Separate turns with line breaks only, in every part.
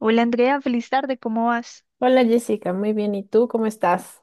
Hola Andrea, feliz tarde, ¿cómo vas?
Hola Jessica, muy bien. ¿Y tú cómo estás?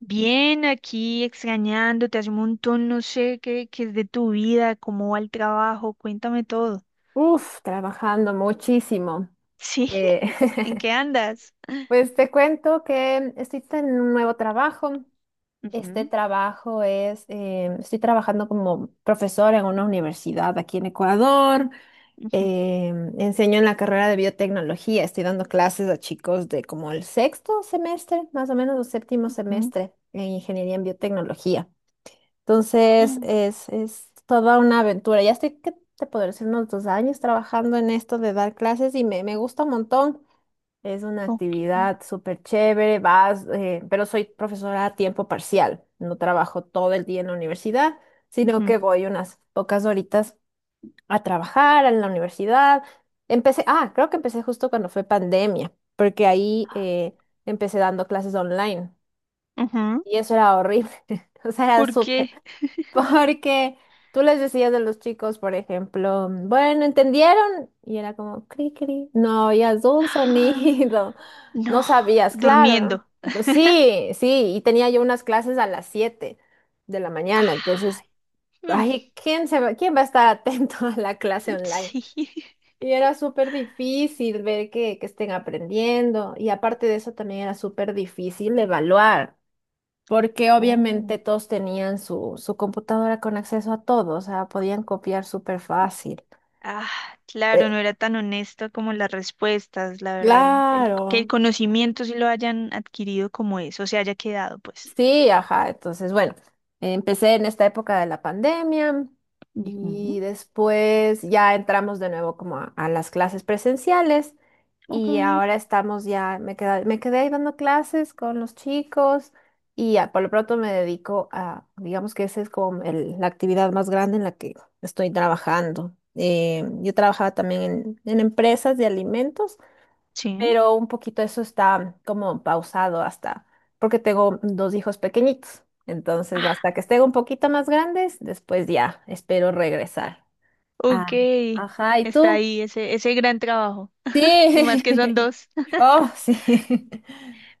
Bien, aquí extrañándote hace un montón, no sé qué es de tu vida, cómo va el trabajo, cuéntame todo.
Uf, trabajando muchísimo.
Sí,
Eh,
¿en qué andas?
pues te cuento que estoy en un nuevo trabajo. Este
Ujú,
trabajo es, estoy trabajando como profesora en una universidad aquí en Ecuador.
ujú,
Eh, enseño en la carrera de biotecnología. Estoy dando clases a chicos de como el sexto semestre, más o menos, o séptimo
ujú.
semestre en ingeniería en biotecnología. Entonces
Ah,
es, es toda una aventura. Ya estoy, ¿qué te podré decir? Unos dos años trabajando en esto de dar clases y me gusta un montón. Es una
ok.
actividad súper chévere, vas, pero soy profesora a tiempo parcial. No trabajo todo el día en la universidad, sino
Ujú,
que voy unas pocas horitas a trabajar en la universidad. Creo que empecé justo cuando fue pandemia, porque ahí, empecé dando clases online
ujú.
y eso era horrible. O sea, era
¿Por
súper
qué?
porque tú les decías de los chicos, por ejemplo, bueno, ¿entendieron? Y era como, cri, cri. No oías un
Ah,
sonido. No
no,
sabías, claro.
durmiendo.
Sí, sí, y tenía yo unas clases a las 7 de la mañana,
Ah,
entonces,
mm,
ay, quién va a estar atento a la clase online?
sí.
Y era súper difícil ver que estén aprendiendo, y aparte de eso también era súper difícil evaluar porque
Oh.
obviamente todos tenían su computadora con acceso a todo, o sea, podían copiar súper fácil.
Ah, claro,
Eh,
no era tan honesto como las respuestas, la verdad, que el
claro.
conocimiento sí lo hayan adquirido como eso, se haya quedado, pues.
Sí, ajá. Entonces, bueno, empecé en esta época de la pandemia
Ujú,
y después ya entramos de nuevo como a las clases presenciales
ok,
y ahora estamos ya, me quedé ahí dando clases con los chicos y ya, por lo pronto me dedico a, digamos que esa es como la actividad más grande en la que estoy trabajando. Yo trabajaba también en empresas de alimentos,
sí.
pero un poquito eso está como pausado hasta, porque tengo dos hijos pequeñitos. Entonces,
Ah,
hasta que estén un poquito más grandes, después ya espero regresar. Ah,
ok,
ajá, ¿y
está
tú?
ahí ese gran trabajo, y más que son
Sí.
dos.
Oh, sí.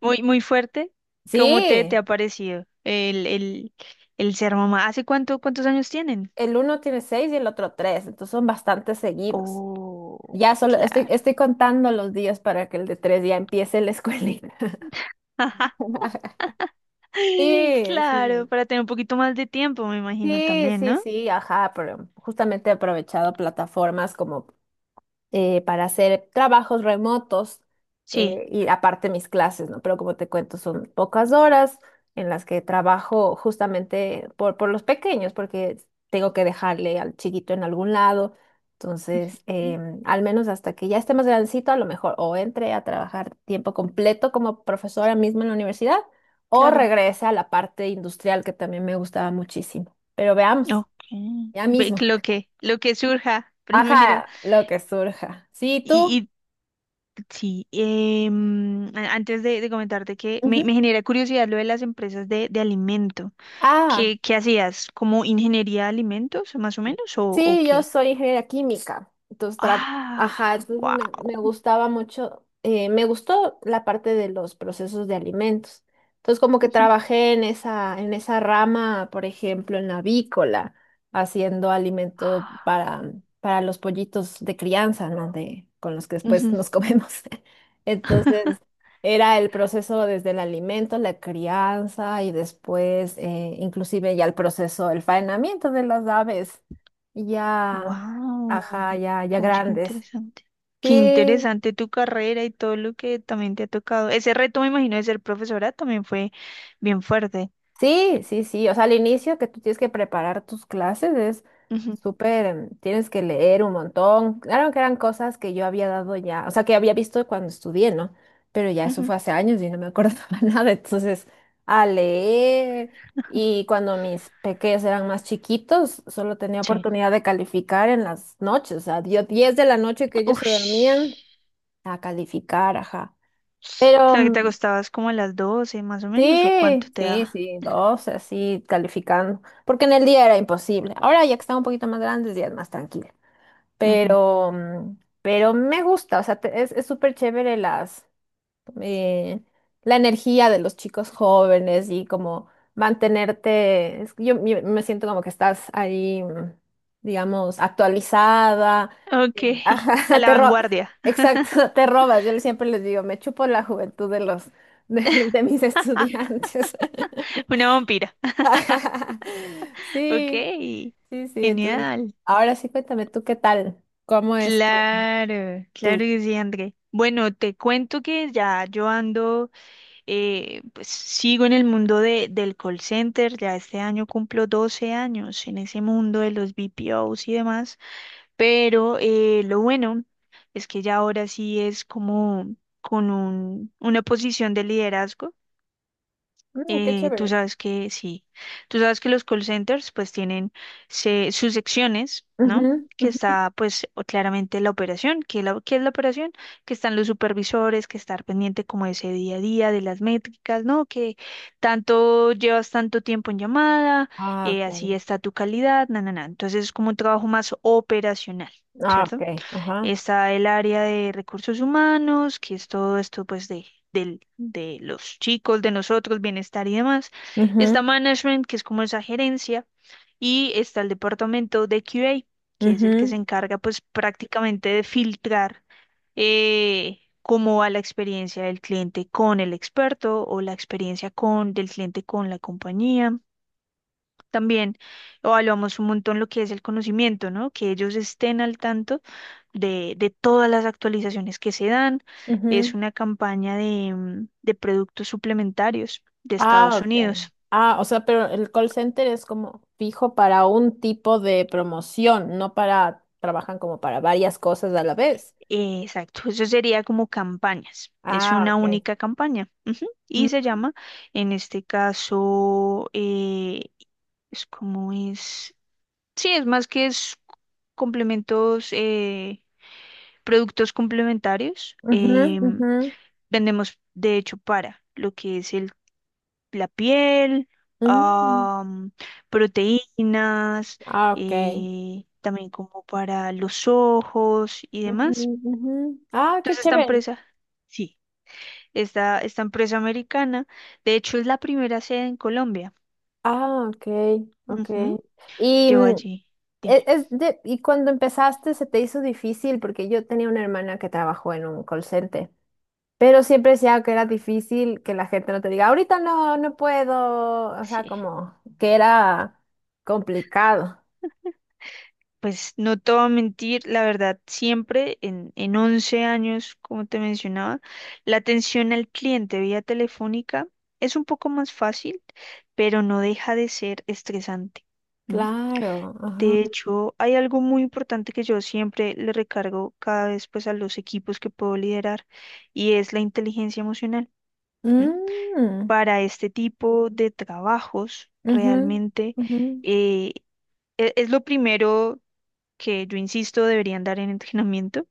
Muy, muy fuerte. ¿Cómo te
Sí,
ha parecido el ser mamá? ¿Hace cuánto, cuántos años tienen?
el uno tiene seis y el otro tres, entonces son bastante seguidos.
Oh, claro.
Estoy contando los días para que el de tres ya empiece la escuelita. Sí,
Claro,
sí.
para tener un poquito más de tiempo, me imagino
Sí,
también,
sí,
¿no?
sí, ajá, pero justamente he aprovechado plataformas como para hacer trabajos remotos,
Sí.
y aparte mis clases, ¿no? Pero como te cuento, son pocas horas en las que trabajo justamente por los pequeños, porque tengo que dejarle al chiquito en algún lado. Entonces,
Ujú,
al menos hasta que ya esté más grandecito, a lo mejor o entre a trabajar tiempo completo como profesora misma en la universidad o
claro,
regrese a la parte industrial que también me gustaba muchísimo. Pero veamos,
ok.
ya
Ve que
mismo.
lo que surja primero.
Ajá, lo que surja. Sí, tú.
Y, y sí, antes de comentarte que me,
Ujú.
me genera curiosidad lo de las empresas de alimento.
Ah,
¿Qué hacías? ¿Como ingeniería de alimentos, más o menos? ¿O
sí, yo
qué?
soy ingeniera química, entonces, ajá,
Ah,
entonces me
wow.
gustaba mucho, me gustó la parte de los procesos de alimentos. Entonces, como que trabajé en esa rama, por ejemplo, en la avícola, haciendo alimento para los pollitos de crianza, ¿no? De, con los que después nos comemos. Entonces, era el proceso desde el alimento, la crianza y después, inclusive ya el proceso, el faenamiento de las aves. Ya, ajá,
Wow,
ya, ya
oye, qué
grandes.
interesante. Qué
Sí,
interesante tu carrera y todo lo que también te ha tocado. Ese reto, me imagino, de ser profesora también fue bien fuerte.
sí, sí, sí. O sea, al inicio que tú tienes que preparar tus clases es
Ujú,
súper, tienes que leer un montón. Claro que eran cosas que yo había dado ya, o sea, que había visto cuando estudié, ¿no? Pero ya eso
ujú,
fue hace años y no me acordaba nada. Entonces, a leer. Y cuando mis pequeños eran más chiquitos, solo tenía
sí.
oportunidad de calificar en las noches. O sea, dio 10 de la noche que ellos se dormían
Ush.
a calificar, ajá.
O
Pero
sea, que te acostabas como a las 12 más o menos, o cuánto
sí,
te
sí,
daba.
sí, dos, así calificando, porque en el día era imposible. Ahora ya que están un poquito más grandes, ya es más tranquila.
Ujú.
Pero, mm, pero me gusta, o sea, es súper chévere las, eh, la energía de los chicos jóvenes y como mantenerte, es que yo me siento como que estás ahí, digamos, actualizada.
Ok,
Sí.
a
Ajá,
la
te ro-
vanguardia.
exacto, te robas. Yo siempre les digo, me chupo la juventud de los de, de mis estudiantes.
Una vampira.
Ajá. Sí,
Ok,
sí, sí. Entonces,
genial.
ahora sí cuéntame, ¿tú qué tal? ¿Cómo es
Claro, claro
tu-
que sí, André. Bueno, te cuento que ya yo ando. Pues sigo en el mundo del call center, ya este año cumplo 12 años en ese mundo de los BPOs y demás, pero lo bueno es que ya ahora sí es como con una posición de liderazgo.
Mm, qué
Tú
chévere.
sabes que sí, tú sabes que los call centers pues tienen sus secciones, ¿no?
Ujú,
Que
ujú.
está pues claramente la operación, que la, ¿qué es la operación? Que están los supervisores, que estar pendiente como de ese día a día, de las métricas, ¿no? Que tanto llevas tanto tiempo en llamada,
Ah,
así
ok.
está tu calidad, na, na, na. Entonces es como un trabajo más operacional,
Ah,
¿cierto?
ok, ajá.
Está el área de recursos humanos, que es todo esto pues de, de los chicos, de nosotros, bienestar y demás.
Ujú,
Está management, que es como esa gerencia. Y está el departamento de QA, que es el que se
ujú,
encarga pues prácticamente de filtrar cómo va la experiencia del cliente con el experto o la experiencia con, del cliente con la compañía, también evaluamos un montón lo que es el conocimiento, ¿no? Que ellos estén al tanto de todas las actualizaciones que se dan. Es
ujú.
una campaña de, mm, de productos suplementarios de
Ah,
Estados
ok.
Unidos.
Ah, o sea, pero el call center es como fijo para un tipo de promoción, no para, trabajan como para varias cosas a la vez.
Exacto, eso sería como campañas. Es
Ah,
una
ok.
única campaña. Ujú.
Mm,
Y se llama, en este caso, es como es, sí, es más que es complementos, productos complementarios.
ujú, ujú,
Vendemos, de hecho, para lo que es el, la piel,
mm.
am, proteínas,
Ah, ok.
también como para los ojos y
Ujú,
demás.
ujú. Ah, qué
Entonces, esta
chévere.
empresa, sí, esta empresa americana, de hecho, es la primera sede en Colombia.
Ah, ok, ok.
Ujú,
Y
yo allí, dime.
y cuando empezaste se te hizo difícil porque yo tenía una hermana que trabajó en un call center. Pero siempre decía que era difícil que la gente no te diga, ahorita no, no puedo, o sea,
Sí.
como que era complicado.
Pues no te voy a mentir, la verdad, siempre en 11 años, como te mencionaba, la atención al cliente vía telefónica es un poco más fácil, pero no deja de ser estresante. ¿M?
Claro, ajá.
De hecho, hay algo muy importante que yo siempre le recargo cada vez pues a los equipos que puedo liderar y es la inteligencia emocional. ¿M?
Mm,
Para este tipo de trabajos,
ujú,
realmente
ujú.
eh, es lo primero que yo insisto deberían dar en entrenamiento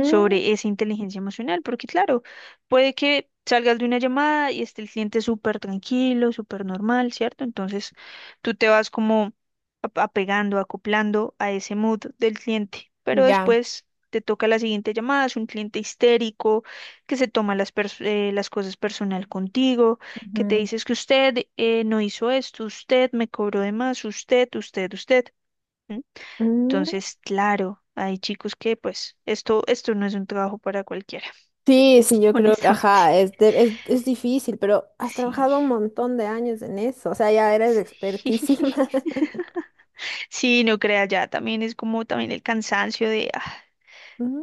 sobre esa inteligencia emocional, porque claro, puede que salgas de una llamada y esté el cliente súper tranquilo, súper normal, ¿cierto? Entonces tú te vas como apegando, acoplando a ese mood del cliente, pero
ya.
después. Te toca la siguiente llamada, es un cliente histérico que se toma las cosas personal contigo, que te
Ujú.
dices que usted no hizo esto, usted me cobró de más, usted, usted, usted. ¿M?
Mm.
Entonces, claro, hay chicos que pues esto no es un trabajo para cualquiera,
Sí, sí, yo creo que,
honestamente.
ajá, es difícil, pero has
Sí,
trabajado un montón de años en eso, o sea, ya eres
sí.
expertísima.
Sí, no crea ya, también es como también el cansancio de,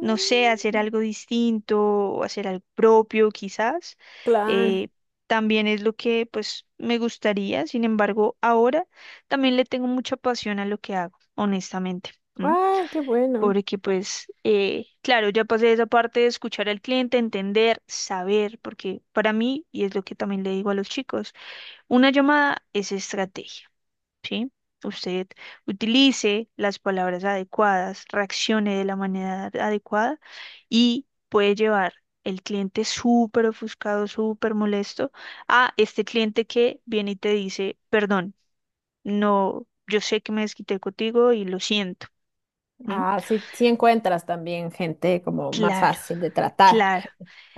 no sé, hacer algo distinto o hacer algo propio quizás.
claro.
eh, También es lo que pues me gustaría, sin embargo, ahora también le tengo mucha pasión a lo que hago, honestamente.
Ah, qué bueno.
Porque pues, claro, ya pasé esa parte de escuchar al cliente, entender, saber, porque para mí, y es lo que también le digo a los chicos, una llamada es estrategia, ¿sí? Usted utilice las palabras adecuadas, reaccione de la manera adecuada y puede llevar el cliente súper ofuscado, súper molesto, a este cliente que viene y te dice, perdón, no, yo sé que me desquité contigo y lo siento. ¿M?
Ah, sí, sí encuentras también gente como más
Claro,
fácil de tratar.
claro.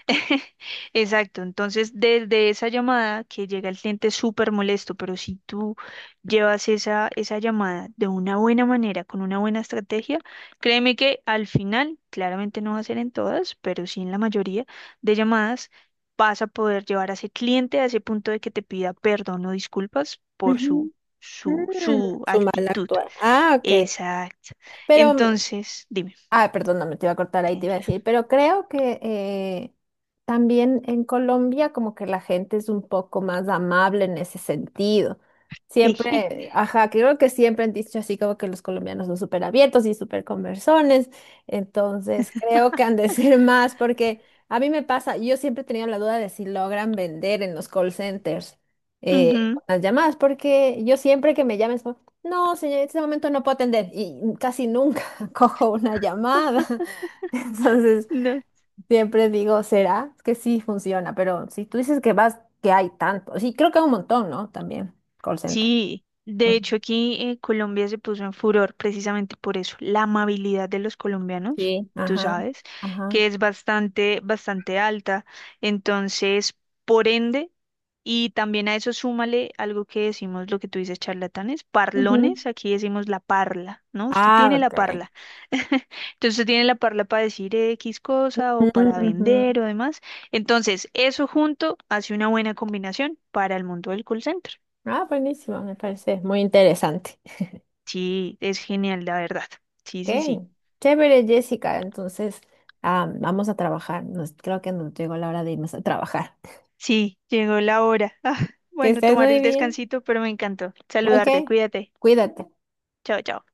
Exacto. Entonces, desde esa llamada que llega el cliente súper molesto, pero si tú llevas esa llamada de una buena manera, con una buena estrategia, créeme que al final, claramente no va a ser en todas, pero sí en la mayoría de llamadas, vas a poder llevar a ese cliente a ese punto de que te pida perdón o disculpas por
Ujú.
su, su,
Mm,
su
su mal
actitud.
actuar. Ah, ok.
Exacto.
Pero
Entonces, dime,
ah, perdón, no me te iba a cortar ahí, te iba a
tranquila.
decir, pero creo que también en Colombia como que la gente es un poco más amable en ese sentido. Siempre, ajá, creo que siempre han dicho así como que los colombianos son súper abiertos y súper conversones, entonces creo que han de ser más porque a mí me pasa, yo siempre he tenido la duda de si logran vender en los call centers,
Ujú,
con las llamadas, porque yo siempre que me llamen, es como, no, señor, en este momento no puedo atender y casi nunca cojo una llamada. Entonces,
no,
siempre digo, ¿será? Es que sí funciona, pero si tú dices que vas, que hay tanto, sí, creo que hay un montón, ¿no? También, call center.
sí, de
Ujú.
hecho aquí en Colombia se puso en furor precisamente por eso, la amabilidad de los colombianos,
Sí.
tú
Ajá,
sabes,
ajá.
que es bastante, bastante alta. Entonces, por ende, y también a eso súmale algo que decimos, lo que tú dices, charlatanes,
Ujú.
parlones, aquí decimos la parla, ¿no? Usted
Ah,
tiene la
ok.
parla. Entonces, usted tiene la parla para decir X cosa o
Ujú,
para
ujú.
vender o demás. Entonces, eso junto hace una buena combinación para el mundo del call center.
Ah, buenísimo, me parece muy interesante.
Sí, es genial, la verdad. Sí, sí, sí.
Ok, chévere, Jessica. Entonces, ah, vamos a trabajar. Nos, creo que nos llegó la hora de irnos a trabajar.
Sí, llegó la hora. Ah,
Que
bueno,
estés
tomar
muy
el
bien.
descansito, pero me encantó.
Ok,
Saludarte, cuídate.
cuídate.
Chao, chao.